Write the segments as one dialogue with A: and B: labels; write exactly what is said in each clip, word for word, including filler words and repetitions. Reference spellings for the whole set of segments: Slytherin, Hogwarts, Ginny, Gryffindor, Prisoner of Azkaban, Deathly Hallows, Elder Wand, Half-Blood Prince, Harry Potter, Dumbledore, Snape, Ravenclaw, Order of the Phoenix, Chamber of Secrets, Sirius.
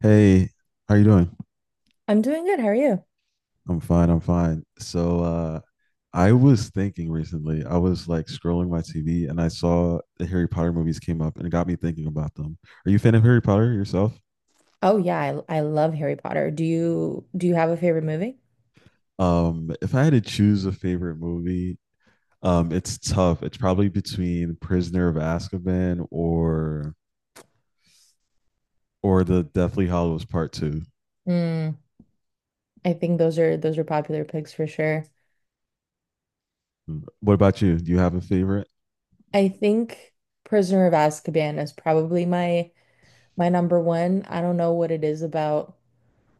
A: Hey, how you doing?
B: I'm doing good. How are you?
A: I'm fine, I'm fine. So uh I was thinking recently, I was like scrolling my T V and I saw the Harry Potter movies came up and it got me thinking about them. Are you a fan of Harry Potter yourself?
B: Oh yeah, I I love Harry Potter. Do you do you have a favorite movie?
A: Um, if I had to choose a favorite movie, um, it's tough. It's probably between Prisoner of Azkaban or or the Deathly Hallows Part Two.
B: Mm, I think those are those are popular picks for sure.
A: What about you? Do you have a favorite?
B: I think Prisoner of Azkaban is probably my my number one. I don't know what it is about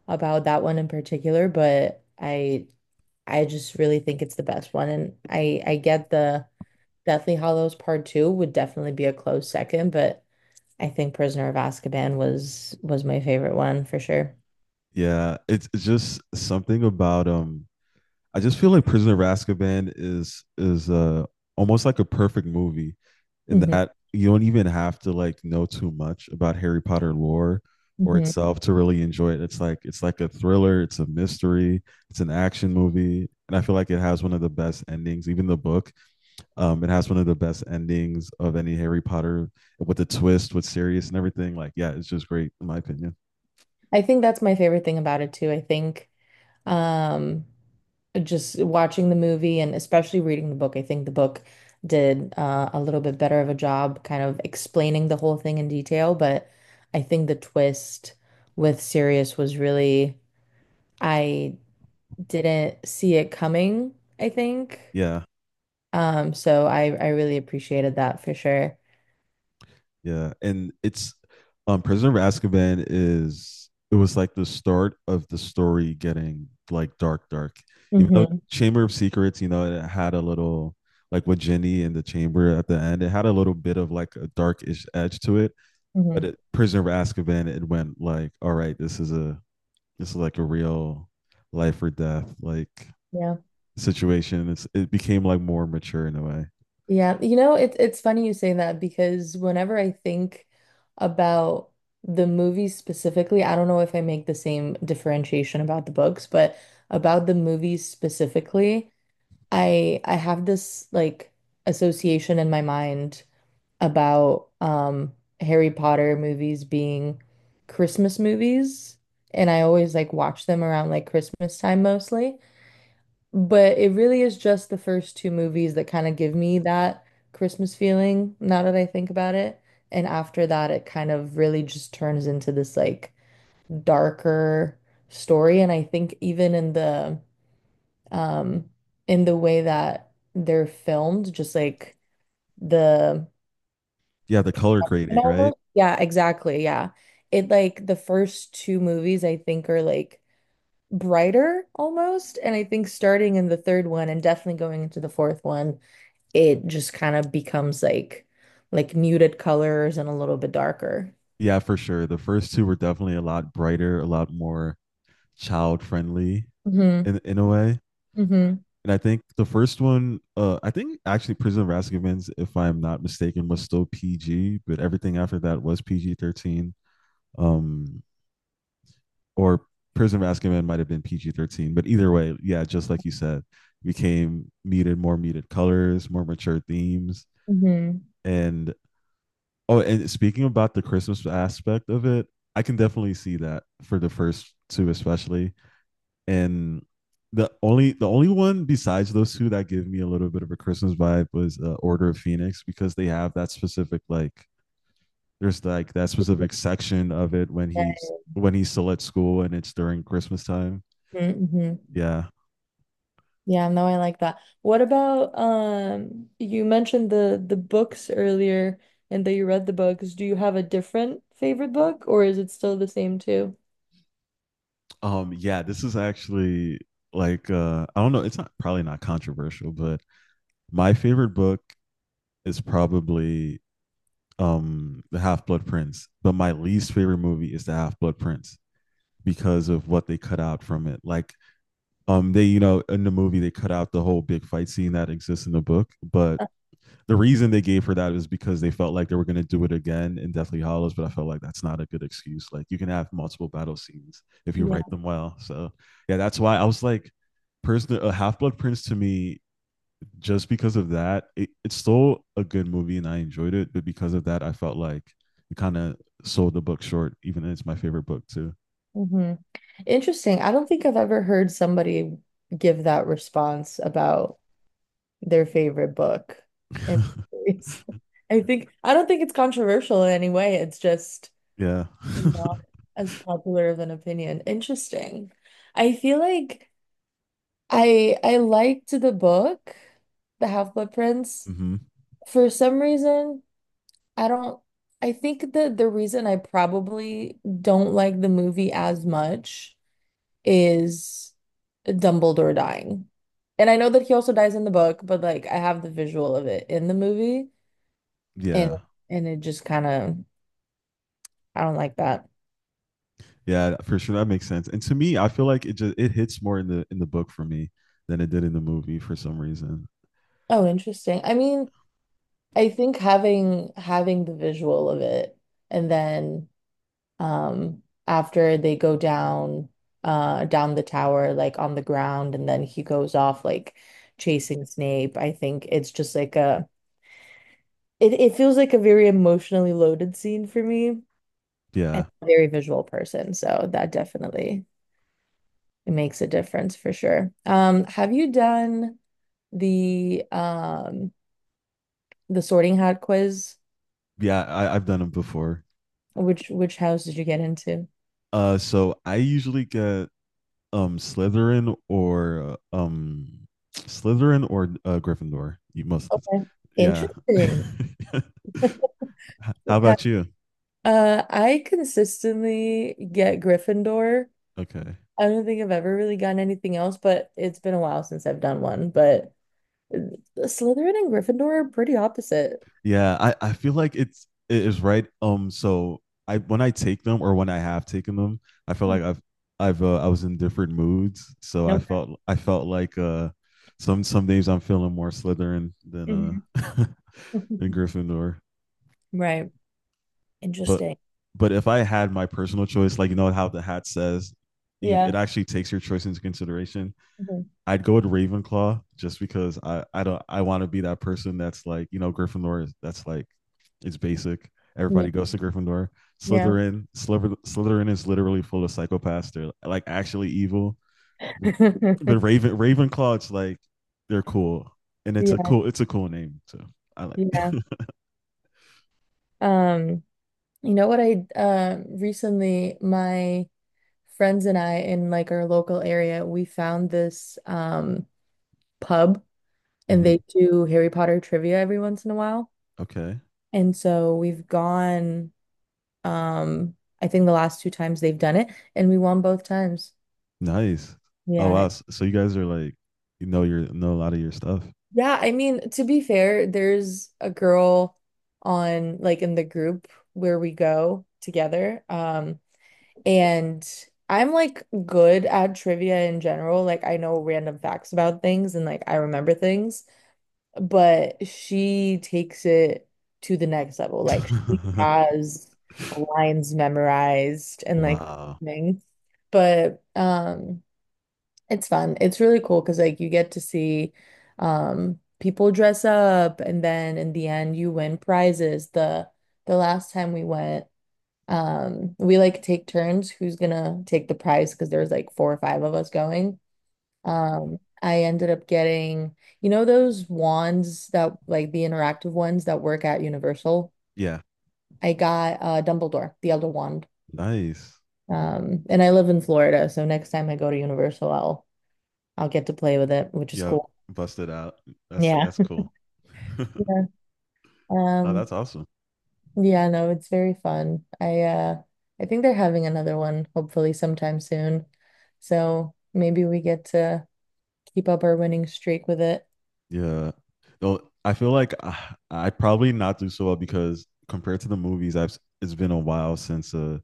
B: about that one in particular, but I I just really think it's the best one. And I I get the Deathly Hallows Part Two would definitely be a close second, but I think Prisoner of Azkaban was was my favorite one for sure.
A: Yeah, it's it's just something about um I just feel like Prisoner of Azkaban is is uh almost like a perfect movie in
B: hmm
A: that you don't even have to like know too much about Harry Potter lore or itself to really enjoy it. It's like it's like a thriller, it's a mystery, it's an action movie, and I feel like it has one of the best endings. Even the book, um, it has one of the best endings of any Harry Potter with the twist with Sirius and everything. Like, yeah, it's just great in my opinion.
B: I think that's my favorite thing about it too. I think um, just watching the movie and especially reading the book, I think the book did uh, a little bit better of a job kind of explaining the whole thing in detail. But I think the twist with Sirius was really, I didn't see it coming, I think.
A: Yeah.
B: Um, so I, I really appreciated that for sure.
A: Yeah, and it's, um Prisoner of Azkaban, is it was like the start of the story getting like dark, dark. Even though
B: hmm
A: Chamber of Secrets, you know, it had a little, like, with Ginny in the chamber at the end, it had a little bit of like a darkish edge to it. But
B: hmm
A: it, Prisoner of Azkaban, it went like, all right, this is a this is like a real life or death like
B: Yeah.
A: situation. It's it became like more mature in a way.
B: Yeah, you know, it's it's funny you say that because whenever I think about the movies specifically, I don't know if I make the same differentiation about the books, but about the movies specifically, I I have this like association in my mind about um Harry Potter movies being Christmas movies, and I always like watch them around like Christmas time mostly. But it really is just the first two movies that kind of give me that Christmas feeling now that I think about it. And after that, it kind of really just turns into this like darker story. And I think even in the um in the way that they're filmed, just like the
A: Yeah, the color
B: and
A: grading, right?
B: almost yeah, exactly. Yeah. It like the first two movies I think are like brighter almost. And I think starting in the third one and definitely going into the fourth one, it just kind of becomes like like muted colors and a little bit darker.
A: Yeah, for sure. The first two were definitely a lot brighter, a lot more child friendly
B: Hmm
A: in in a way.
B: hmm
A: And I think the first one, uh, I think actually Prison of Azkaban's, if I'm not mistaken, was still P G, but everything after that was P G thirteen. Um, or Prison of Azkaban might have been P G thirteen, but either way, yeah, just like you said, became muted, more muted colors, more mature themes,
B: hmm
A: and oh, and speaking about the Christmas aspect of it, I can definitely see that for the first two especially. And the only the only one besides those two that give me a little bit of a Christmas vibe was uh, Order of Phoenix because they have that specific like there's like that specific section of it when he's when he's still at school and it's during Christmas time.
B: Yeah. hmm
A: Yeah.
B: Yeah, no, I like that. What about um you mentioned the the books earlier and that you read the books. Do you have a different favorite book or is it still the same too?
A: Um yeah, this is actually like, uh I don't know, it's not, probably not controversial, but my favorite book is probably um the Half Blood Prince, but my least favorite movie is the Half Blood Prince because of what they cut out from it. Like, um they, you know in the movie they cut out the whole big fight scene that exists in the book, but
B: Uh,
A: the reason they gave for that is because they felt like they were going to do it again in Deathly Hallows. But I felt like that's not a good excuse. Like, you can have multiple battle scenes if you
B: Yeah.
A: write them well. So yeah, that's why I was like, person, a Half Blood Prince to me, just because of that, it, it's still a good movie and I enjoyed it. But because of that, I felt like it kind of sold the book short, even though it's my favorite book too.
B: Interesting. I don't think I've ever heard somebody give that response about their favorite book. And it's, I think, I don't think it's controversial in any way. It's just
A: Yeah.
B: not as popular of an opinion. Interesting. I feel like I I liked the book, The Half-Blood Prince.
A: Hmm.
B: For some reason, I don't, I think that the reason I probably don't like the movie as much is Dumbledore dying. And I know that he also dies in the book, but like I have the visual of it in the movie and
A: Yeah.
B: and it just kind of I don't like that.
A: Yeah, for sure. That makes sense. And to me, I feel like it just it hits more in the in the book for me than it did in the movie for some reason.
B: Oh, interesting. I mean, I think having having the visual of it and then um after they go down uh down the tower like on the ground and then he goes off like chasing Snape. I think it's just like a it, it feels like a very emotionally loaded scene for me. And I'm
A: Yeah.
B: a very visual person, so that definitely makes a difference for sure. Um, have you done the um the Sorting Hat quiz?
A: Yeah, I, I've done them before.
B: Which which house did you get into?
A: Uh, so I usually get, um Slytherin or uh, um Slytherin or, uh, Gryffindor. You, most of the
B: Okay.
A: time.
B: Interesting.
A: Yeah. How
B: Okay.
A: about you?
B: Uh, I consistently get Gryffindor.
A: Okay.
B: I don't think I've ever really gotten anything else, but it's been a while since I've done one. But uh, Slytherin and Gryffindor are pretty opposite.
A: Yeah, I I feel like it's it is right. Um, so I when I take them or when I have taken them, I feel
B: Mm.
A: like I've I've uh, I was in different moods. So I felt I felt like, uh some some days I'm feeling more Slytherin than uh
B: Okay.
A: than Gryffindor.
B: Right.
A: But
B: Interesting.
A: but if I had my personal choice, like, you know how the hat says, you
B: Yeah.
A: it actually takes your choice into consideration.
B: Mhm.
A: I'd go with Ravenclaw just because I I don't I want to be that person that's like, you know Gryffindor. That's, like, it's basic.
B: Yeah.
A: Everybody goes to Gryffindor.
B: Yeah.
A: Slytherin, Sliver, Slytherin is literally full of psychopaths. They're like actually evil. But Raven Ravenclaw, it's like, they're cool, and it's a
B: Yeah.
A: cool it's a cool name too. I like.
B: Yeah. Um, you know what I uh, recently my friends and I in like our local area, we found this um pub and they do Harry Potter trivia every once in a while.
A: Okay.
B: And so we've gone um I think the last two times they've done it and we won both times.
A: Nice. Oh wow.
B: Yeah.
A: S- So you guys, are like, you know your know a lot of your stuff.
B: Yeah, I mean, to be fair, there's a girl on like in the group where we go together. Um, and I'm like good at trivia in general. Like I know random facts about things and like I remember things, but she takes it to the next level. Like she has lines memorized and like
A: Wow.
B: things. But um it's fun. It's really cool because like you get to see um people dress up and then in the end you win prizes. The the last time we went, um we like take turns who's gonna take the prize because there was like four or five of us going. Um, I ended up getting, you know, those wands that like the interactive ones that work at Universal.
A: Yeah.
B: I got uh Dumbledore, the Elder Wand.
A: Nice.
B: Um, and I live in Florida, so next time I go to Universal, I'll I'll get to play with it, which is
A: Yep.
B: cool.
A: Busted out. That's
B: Yeah.
A: that's cool.
B: Yeah.
A: Oh,
B: Um,
A: that's awesome.
B: yeah, no, it's very fun. I uh I think they're having another one hopefully sometime soon. So maybe we get to keep up our winning streak with it.
A: Yeah. Though I feel like I, I probably not do so well because, compared to the movies, I've s- it's been a while since uh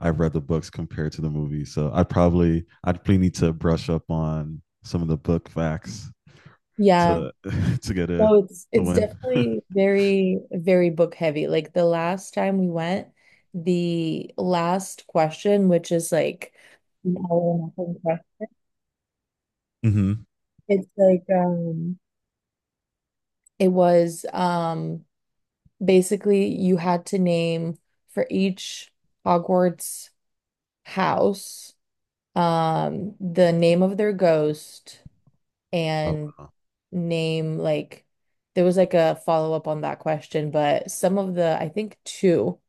A: I've read the books compared to the movies. So I probably I'd probably need to brush up on some of the book facts
B: Yeah.
A: to to get a
B: So it's
A: to
B: it's
A: win.
B: definitely very, very book heavy. Like the last time we went, the last question, which is like an all or nothing question,
A: Mhm.
B: it's like um it was um basically you had to name for each Hogwarts house, um, the name of their ghost,
A: Oh,
B: and name like there was like a follow-up on that question, but some of the I think two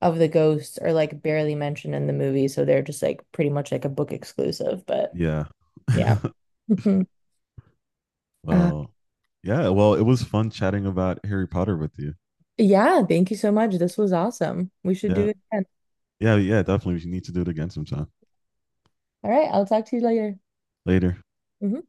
B: of the ghosts are like barely mentioned in the movie, so they're just like pretty much like a book exclusive, but
A: yeah.
B: yeah. Uh,
A: Well, yeah. Well, it was fun chatting about Harry Potter with you.
B: yeah, thank you so much. This was awesome. We should
A: Yeah.
B: do it again.
A: Yeah. Yeah. Definitely. We need to do it again sometime
B: All right, I'll talk to you later.
A: later.
B: Mhm.